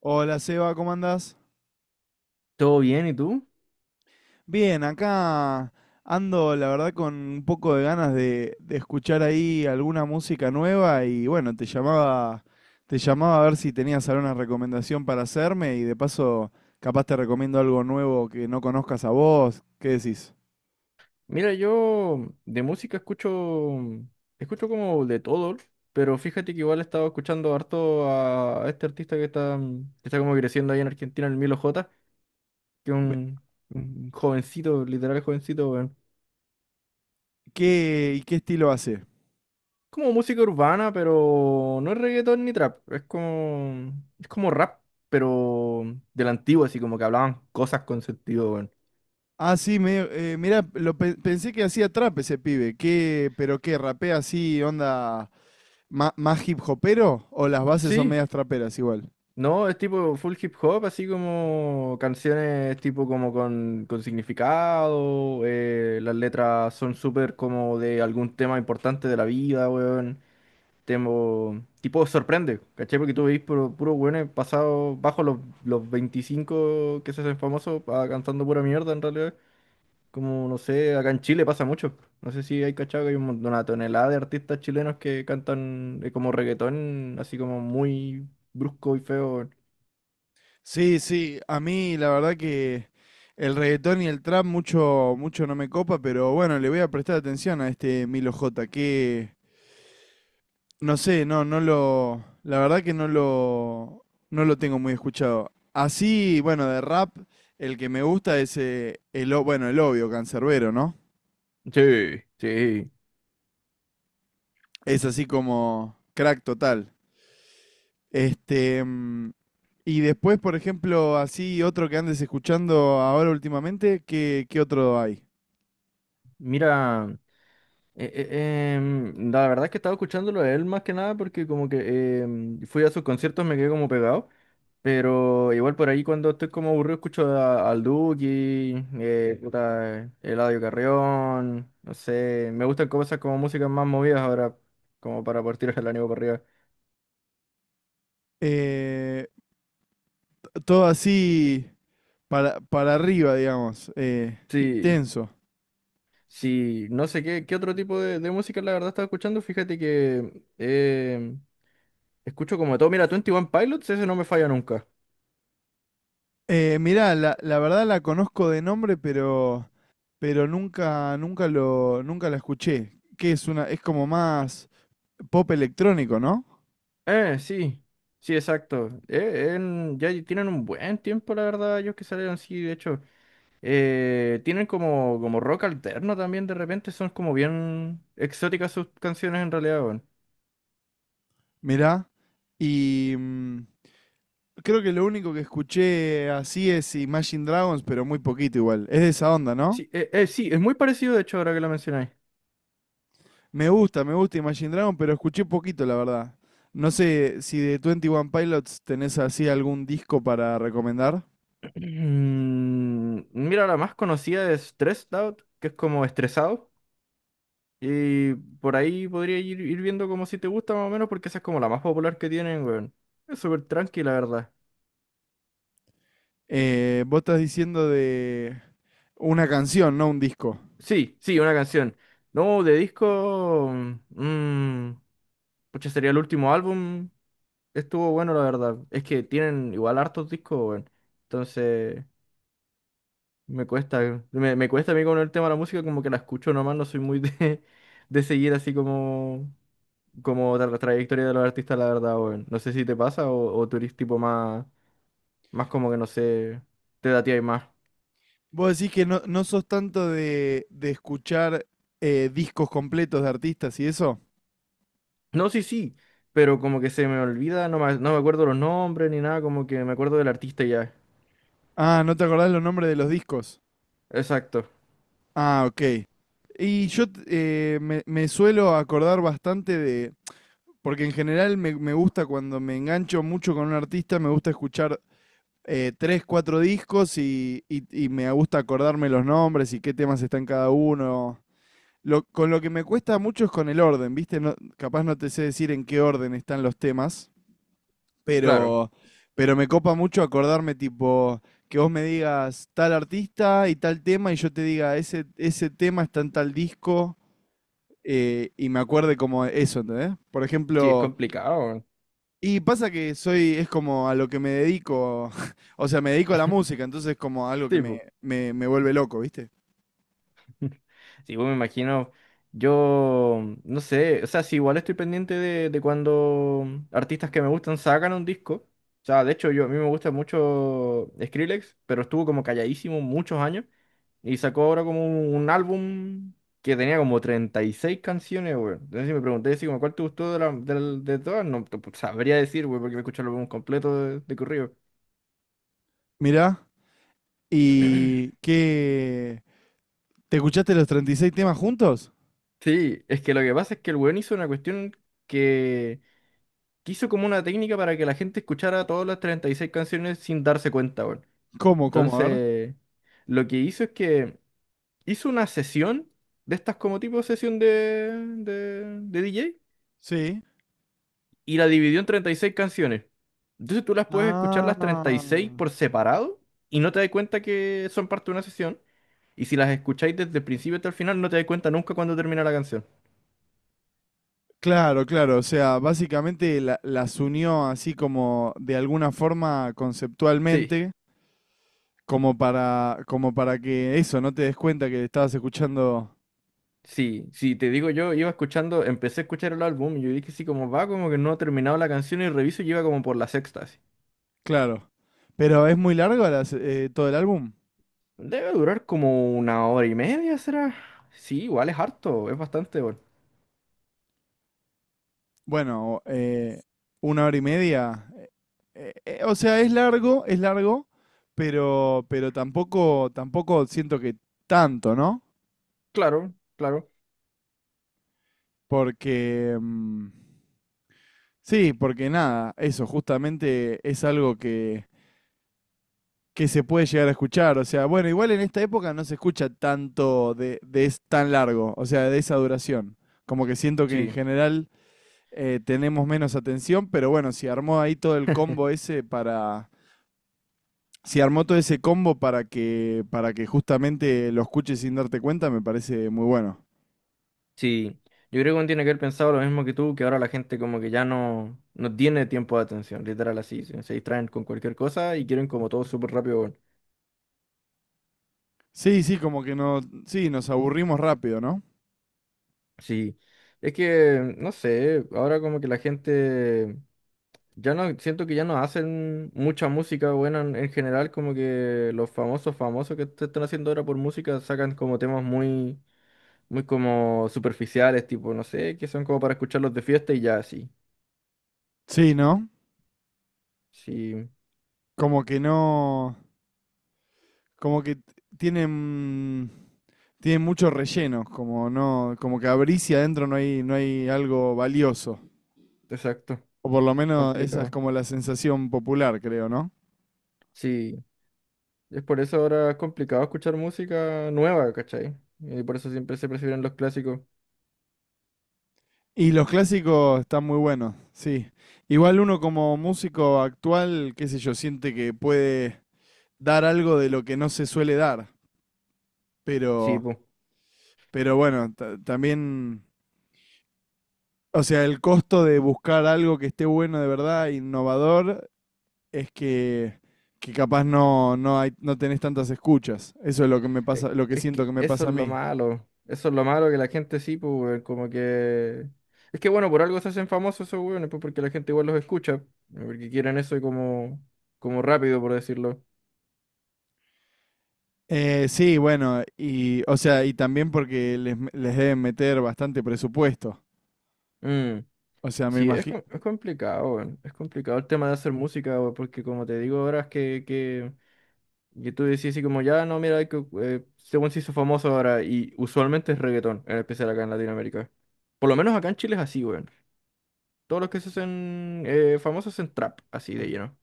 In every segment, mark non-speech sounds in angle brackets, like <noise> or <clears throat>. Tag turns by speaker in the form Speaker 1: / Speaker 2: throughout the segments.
Speaker 1: Hola Seba, ¿cómo andás?
Speaker 2: ¿Todo bien? ¿Y tú?
Speaker 1: Bien, acá ando la verdad con un poco de ganas de escuchar ahí alguna música nueva y bueno, te llamaba a ver si tenías alguna recomendación para hacerme y de paso capaz te recomiendo algo nuevo que no conozcas a vos, ¿qué decís?
Speaker 2: Mira, yo de música escucho como de todo, pero fíjate que igual he estado escuchando harto a este artista que está como creciendo ahí en Argentina, el Milo J, que es
Speaker 1: Ve-
Speaker 2: un jovencito, literal jovencito, weón.
Speaker 1: ¿Qué, y qué estilo hace?
Speaker 2: Como música urbana, pero no es reggaetón ni trap, es como rap, pero de la antigua, así como que hablaban cosas con sentido, weón.
Speaker 1: Ah, sí, medio, mirá, pensé que hacía trap ese pibe, ¿qué, pero qué, rapea así, onda más hip hopero o las bases son
Speaker 2: Sí.
Speaker 1: medias traperas igual?
Speaker 2: No, es tipo full hip hop, así como canciones tipo como con significado, las letras son súper como de algún tema importante de la vida, weón. Temo, tipo sorprende, ¿cachai? Porque tú veis puro, puro weones pasados bajo los 25 que se hacen famosos ah, cantando pura mierda en realidad. Como, no sé, acá en Chile pasa mucho. No sé si hay cachado que hay una tonelada de artistas chilenos que cantan como reggaetón, así como muy brusco y feo.
Speaker 1: Sí, sí, a mí la verdad que el reggaetón y el trap mucho, mucho no me copa, pero bueno, le voy a prestar atención a este Milo J, que no sé, no, no lo, la verdad que no lo tengo muy escuchado. Así, bueno, de rap, el que me gusta es bueno, el obvio, Cancerbero, ¿no?
Speaker 2: Sí, sí.
Speaker 1: Es así como crack total. Este, y después, por ejemplo, así otro que andes escuchando ahora últimamente, ¿qué, qué otro hay?
Speaker 2: Mira, la verdad es que estaba escuchándolo a él más que nada porque como que fui a sus conciertos, me quedé como pegado. Pero igual por ahí cuando estoy como aburrido escucho al Duki, puta, Eladio Carrión, no sé, me gustan cosas como músicas más movidas ahora, como para partir el ánimo para arriba.
Speaker 1: Eh, todo así para arriba, digamos,
Speaker 2: Sí,
Speaker 1: intenso.
Speaker 2: sí, no sé qué otro tipo de música la verdad estaba escuchando, fíjate que escucho como de todo. Mira, twenty one Pilots, ese no me falla nunca.
Speaker 1: Mirá, la verdad la conozco de nombre, pero, nunca lo, nunca la escuché. Que es una, es como más pop electrónico, ¿no?
Speaker 2: Sí. Sí, exacto. Ya tienen un buen tiempo, la verdad, ellos que salieron, sí, de hecho. Tienen como rock alterno también de repente, son como bien exóticas sus canciones en realidad, weón.
Speaker 1: Mirá. Y creo que lo único que escuché así es Imagine Dragons, pero muy poquito igual. Es de esa onda, ¿no?
Speaker 2: Sí, sí, es muy parecido, de hecho, ahora que lo mencionáis.
Speaker 1: Me gusta Imagine Dragon, pero escuché poquito, la verdad. No sé si de 21 Pilots tenés así algún disco para recomendar.
Speaker 2: <clears throat> Mira, la más conocida es Stressed Out, que es como estresado. Y por ahí podría ir viendo como si te gusta más o menos, porque esa es como la más popular que tienen, weón. Es súper tranqui, la verdad.
Speaker 1: Vos estás diciendo de una canción, no un disco.
Speaker 2: Sí, sí, una canción. No, de disco. Mmm. Pucha, sería el último álbum. Estuvo bueno, la verdad. Es que tienen igual hartos discos, weón. Entonces, me cuesta. Me cuesta a mí con el tema de la música, como que la escucho nomás, no soy muy de, <laughs> de seguir así como. Como la trayectoria de los artistas, la verdad, weón. No sé si te pasa o tú eres tipo más. Más como que no sé, te da más.
Speaker 1: Vos decís que no sos tanto de escuchar discos completos de artistas y eso.
Speaker 2: No, sí, sí, pero como que se me olvida, no me acuerdo los nombres ni nada, como que me acuerdo del artista y ya.
Speaker 1: Ah, ¿no te acordás los nombres de los discos?
Speaker 2: Exacto,
Speaker 1: Ah, ok. Me suelo acordar bastante de... Porque en general me gusta cuando me engancho mucho con un artista, me gusta escuchar tres, cuatro discos y me gusta acordarme los nombres y qué temas están cada uno. Con lo que me cuesta mucho es con el orden, ¿viste? Capaz no te sé decir en qué orden están los temas,
Speaker 2: claro.
Speaker 1: pero, pero me copa mucho acordarme, tipo, que vos me digas tal artista y tal tema y yo te diga ese, ese tema está en tal disco, y me acuerde como eso, ¿entendés? Por
Speaker 2: Sí, es
Speaker 1: ejemplo,
Speaker 2: complicado.
Speaker 1: y pasa que soy, es como a lo que me dedico, <laughs> o sea, me dedico a la
Speaker 2: <laughs>
Speaker 1: música, entonces es como algo que me,
Speaker 2: tipo
Speaker 1: me, me vuelve loco, ¿viste?
Speaker 2: sí, pues me imagino, yo no sé, o sea, si igual estoy pendiente de cuando artistas que me gustan sacan un disco. O sea, de hecho, yo a mí me gusta mucho Skrillex, pero estuvo como calladísimo muchos años y sacó ahora como un álbum que tenía como 36 canciones, güey. Entonces, si me pregunté si como cuál te gustó de, la- del- de todas, no te- pues, sabría decir, güey, porque me escuché el álbum completo de corrido.
Speaker 1: Mirá, ¿y qué? ¿Te escuchaste los treinta y seis temas juntos?
Speaker 2: Sí, es que lo que pasa es que el weón hizo una cuestión que que hizo como una técnica para que la gente escuchara todas las 36 canciones sin darse cuenta, weón.
Speaker 1: ¿Cómo, cómo? A ver.
Speaker 2: Entonces, lo que hizo es que hizo una sesión de estas como tipo sesión de DJ
Speaker 1: Sí.
Speaker 2: y la dividió en 36 canciones. Entonces tú las puedes escuchar las treinta y
Speaker 1: Ah.
Speaker 2: seis por separado y no te das cuenta que son parte de una sesión. Y si las escucháis desde el principio hasta el final, no te das cuenta nunca cuando termina la canción.
Speaker 1: Claro, claro, o sea, básicamente las unió así como de alguna forma
Speaker 2: Sí.
Speaker 1: conceptualmente, como para, como para que eso, no te des cuenta que estabas escuchando.
Speaker 2: Sí, sí, te digo, yo iba escuchando, empecé a escuchar el álbum y yo dije, sí, como va, como que no he terminado la canción y reviso y iba como por la sexta, así.
Speaker 1: Claro. Pero es muy largo todo el álbum.
Speaker 2: Debe durar como una hora y media, ¿será? Sí, igual es harto, es bastante bueno.
Speaker 1: Bueno, una hora y media. Eh, o sea, es largo, pero tampoco, tampoco siento que tanto, ¿no?
Speaker 2: Claro, claro,
Speaker 1: Porque, mm, sí, porque nada, eso justamente es algo que se puede llegar a escuchar. O sea, bueno, igual en esta época no se escucha tanto de es tan largo, o sea, de esa duración. Como que siento que en
Speaker 2: sí,
Speaker 1: general tenemos menos atención, pero bueno, si armó ahí todo el
Speaker 2: <laughs>
Speaker 1: combo ese para... Si armó todo ese combo para que justamente lo escuches sin darte cuenta, me parece muy bueno.
Speaker 2: sí. Yo creo que uno tiene que haber pensado lo mismo que tú, que ahora la gente como que ya no, no tiene tiempo de atención, literal así, se distraen con cualquier cosa y quieren como todo súper rápido, bueno.
Speaker 1: Sí, sí, como que no, sí, nos aburrimos rápido, ¿no?
Speaker 2: Sí, es que, no sé, ahora como que la gente... Ya no, siento que ya no hacen mucha música buena en general, como que los famosos famosos que te están haciendo ahora por música sacan como temas muy, muy como superficiales, tipo, no sé, que son como para escucharlos de fiesta y ya, sí.
Speaker 1: Sí, ¿no?
Speaker 2: Sí,
Speaker 1: Como que no, como que t- tienen, tienen mucho relleno, como no, como que abrís y adentro no hay, no hay algo valioso.
Speaker 2: exacto,
Speaker 1: O por lo menos esa es
Speaker 2: complicado.
Speaker 1: como la sensación popular, creo, ¿no?
Speaker 2: Sí, es por eso ahora es complicado escuchar música nueva, ¿cachai? Y por eso siempre se prefieren los clásicos.
Speaker 1: Y los clásicos están muy buenos, sí. Igual uno como músico actual, qué sé yo, siente que puede dar algo de lo que no se suele dar.
Speaker 2: Sí,
Speaker 1: Pero,
Speaker 2: po.
Speaker 1: pero bueno, también, o sea, el costo de buscar algo que esté bueno de verdad, innovador, es que capaz no, no hay, no tenés tantas escuchas. Eso es lo que me pasa, lo que
Speaker 2: Es
Speaker 1: siento
Speaker 2: que
Speaker 1: que me
Speaker 2: eso
Speaker 1: pasa
Speaker 2: es
Speaker 1: a
Speaker 2: lo
Speaker 1: mí.
Speaker 2: malo. Eso es lo malo que la gente sí, pues, weón, como que. Es que bueno, por algo se hacen famosos esos weones, pues porque la gente igual los escucha. Porque quieren eso como rápido, por decirlo.
Speaker 1: Sí, bueno, y, o sea, y también porque les deben meter bastante presupuesto.
Speaker 2: Mm,
Speaker 1: O sea, me
Speaker 2: sí, es,
Speaker 1: imagino.
Speaker 2: es complicado, weón, es complicado el tema de hacer música, weón, porque como te digo ahora es que, tú decís así como, ya no, mira, hay que, según se hizo famoso ahora, y usualmente es reggaetón, en especial acá en Latinoamérica. Por lo menos acá en Chile es así, weón. Todos los que se hacen famosos en trap, así de lleno.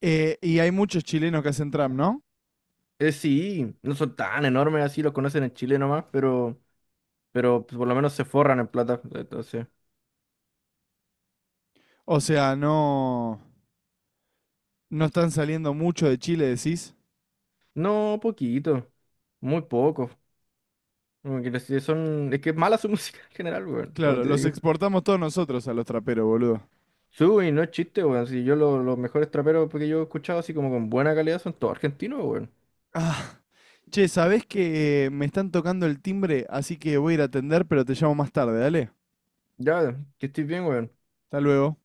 Speaker 1: Y hay muchos chilenos que hacen trap, ¿no?
Speaker 2: Sí, no son tan enormes así, los conocen en Chile nomás, pero pues, por lo menos se forran en plata. Entonces,
Speaker 1: O sea, no, no están saliendo mucho de Chile, decís.
Speaker 2: no, poquito, muy poco. Como que es que es mala su <laughs> música en general, weón, como
Speaker 1: Claro,
Speaker 2: te
Speaker 1: los
Speaker 2: digo.
Speaker 1: exportamos todos nosotros a los traperos, boludo.
Speaker 2: Sui, no es chiste, weón. Si yo los mejores traperos que yo he escuchado así como con buena calidad son todos argentinos, weón.
Speaker 1: Ah, che, ¿sabés que me están tocando el timbre? Así que voy a ir a atender, pero te llamo más tarde, dale.
Speaker 2: Ya, que estés bien, weón.
Speaker 1: Hasta luego.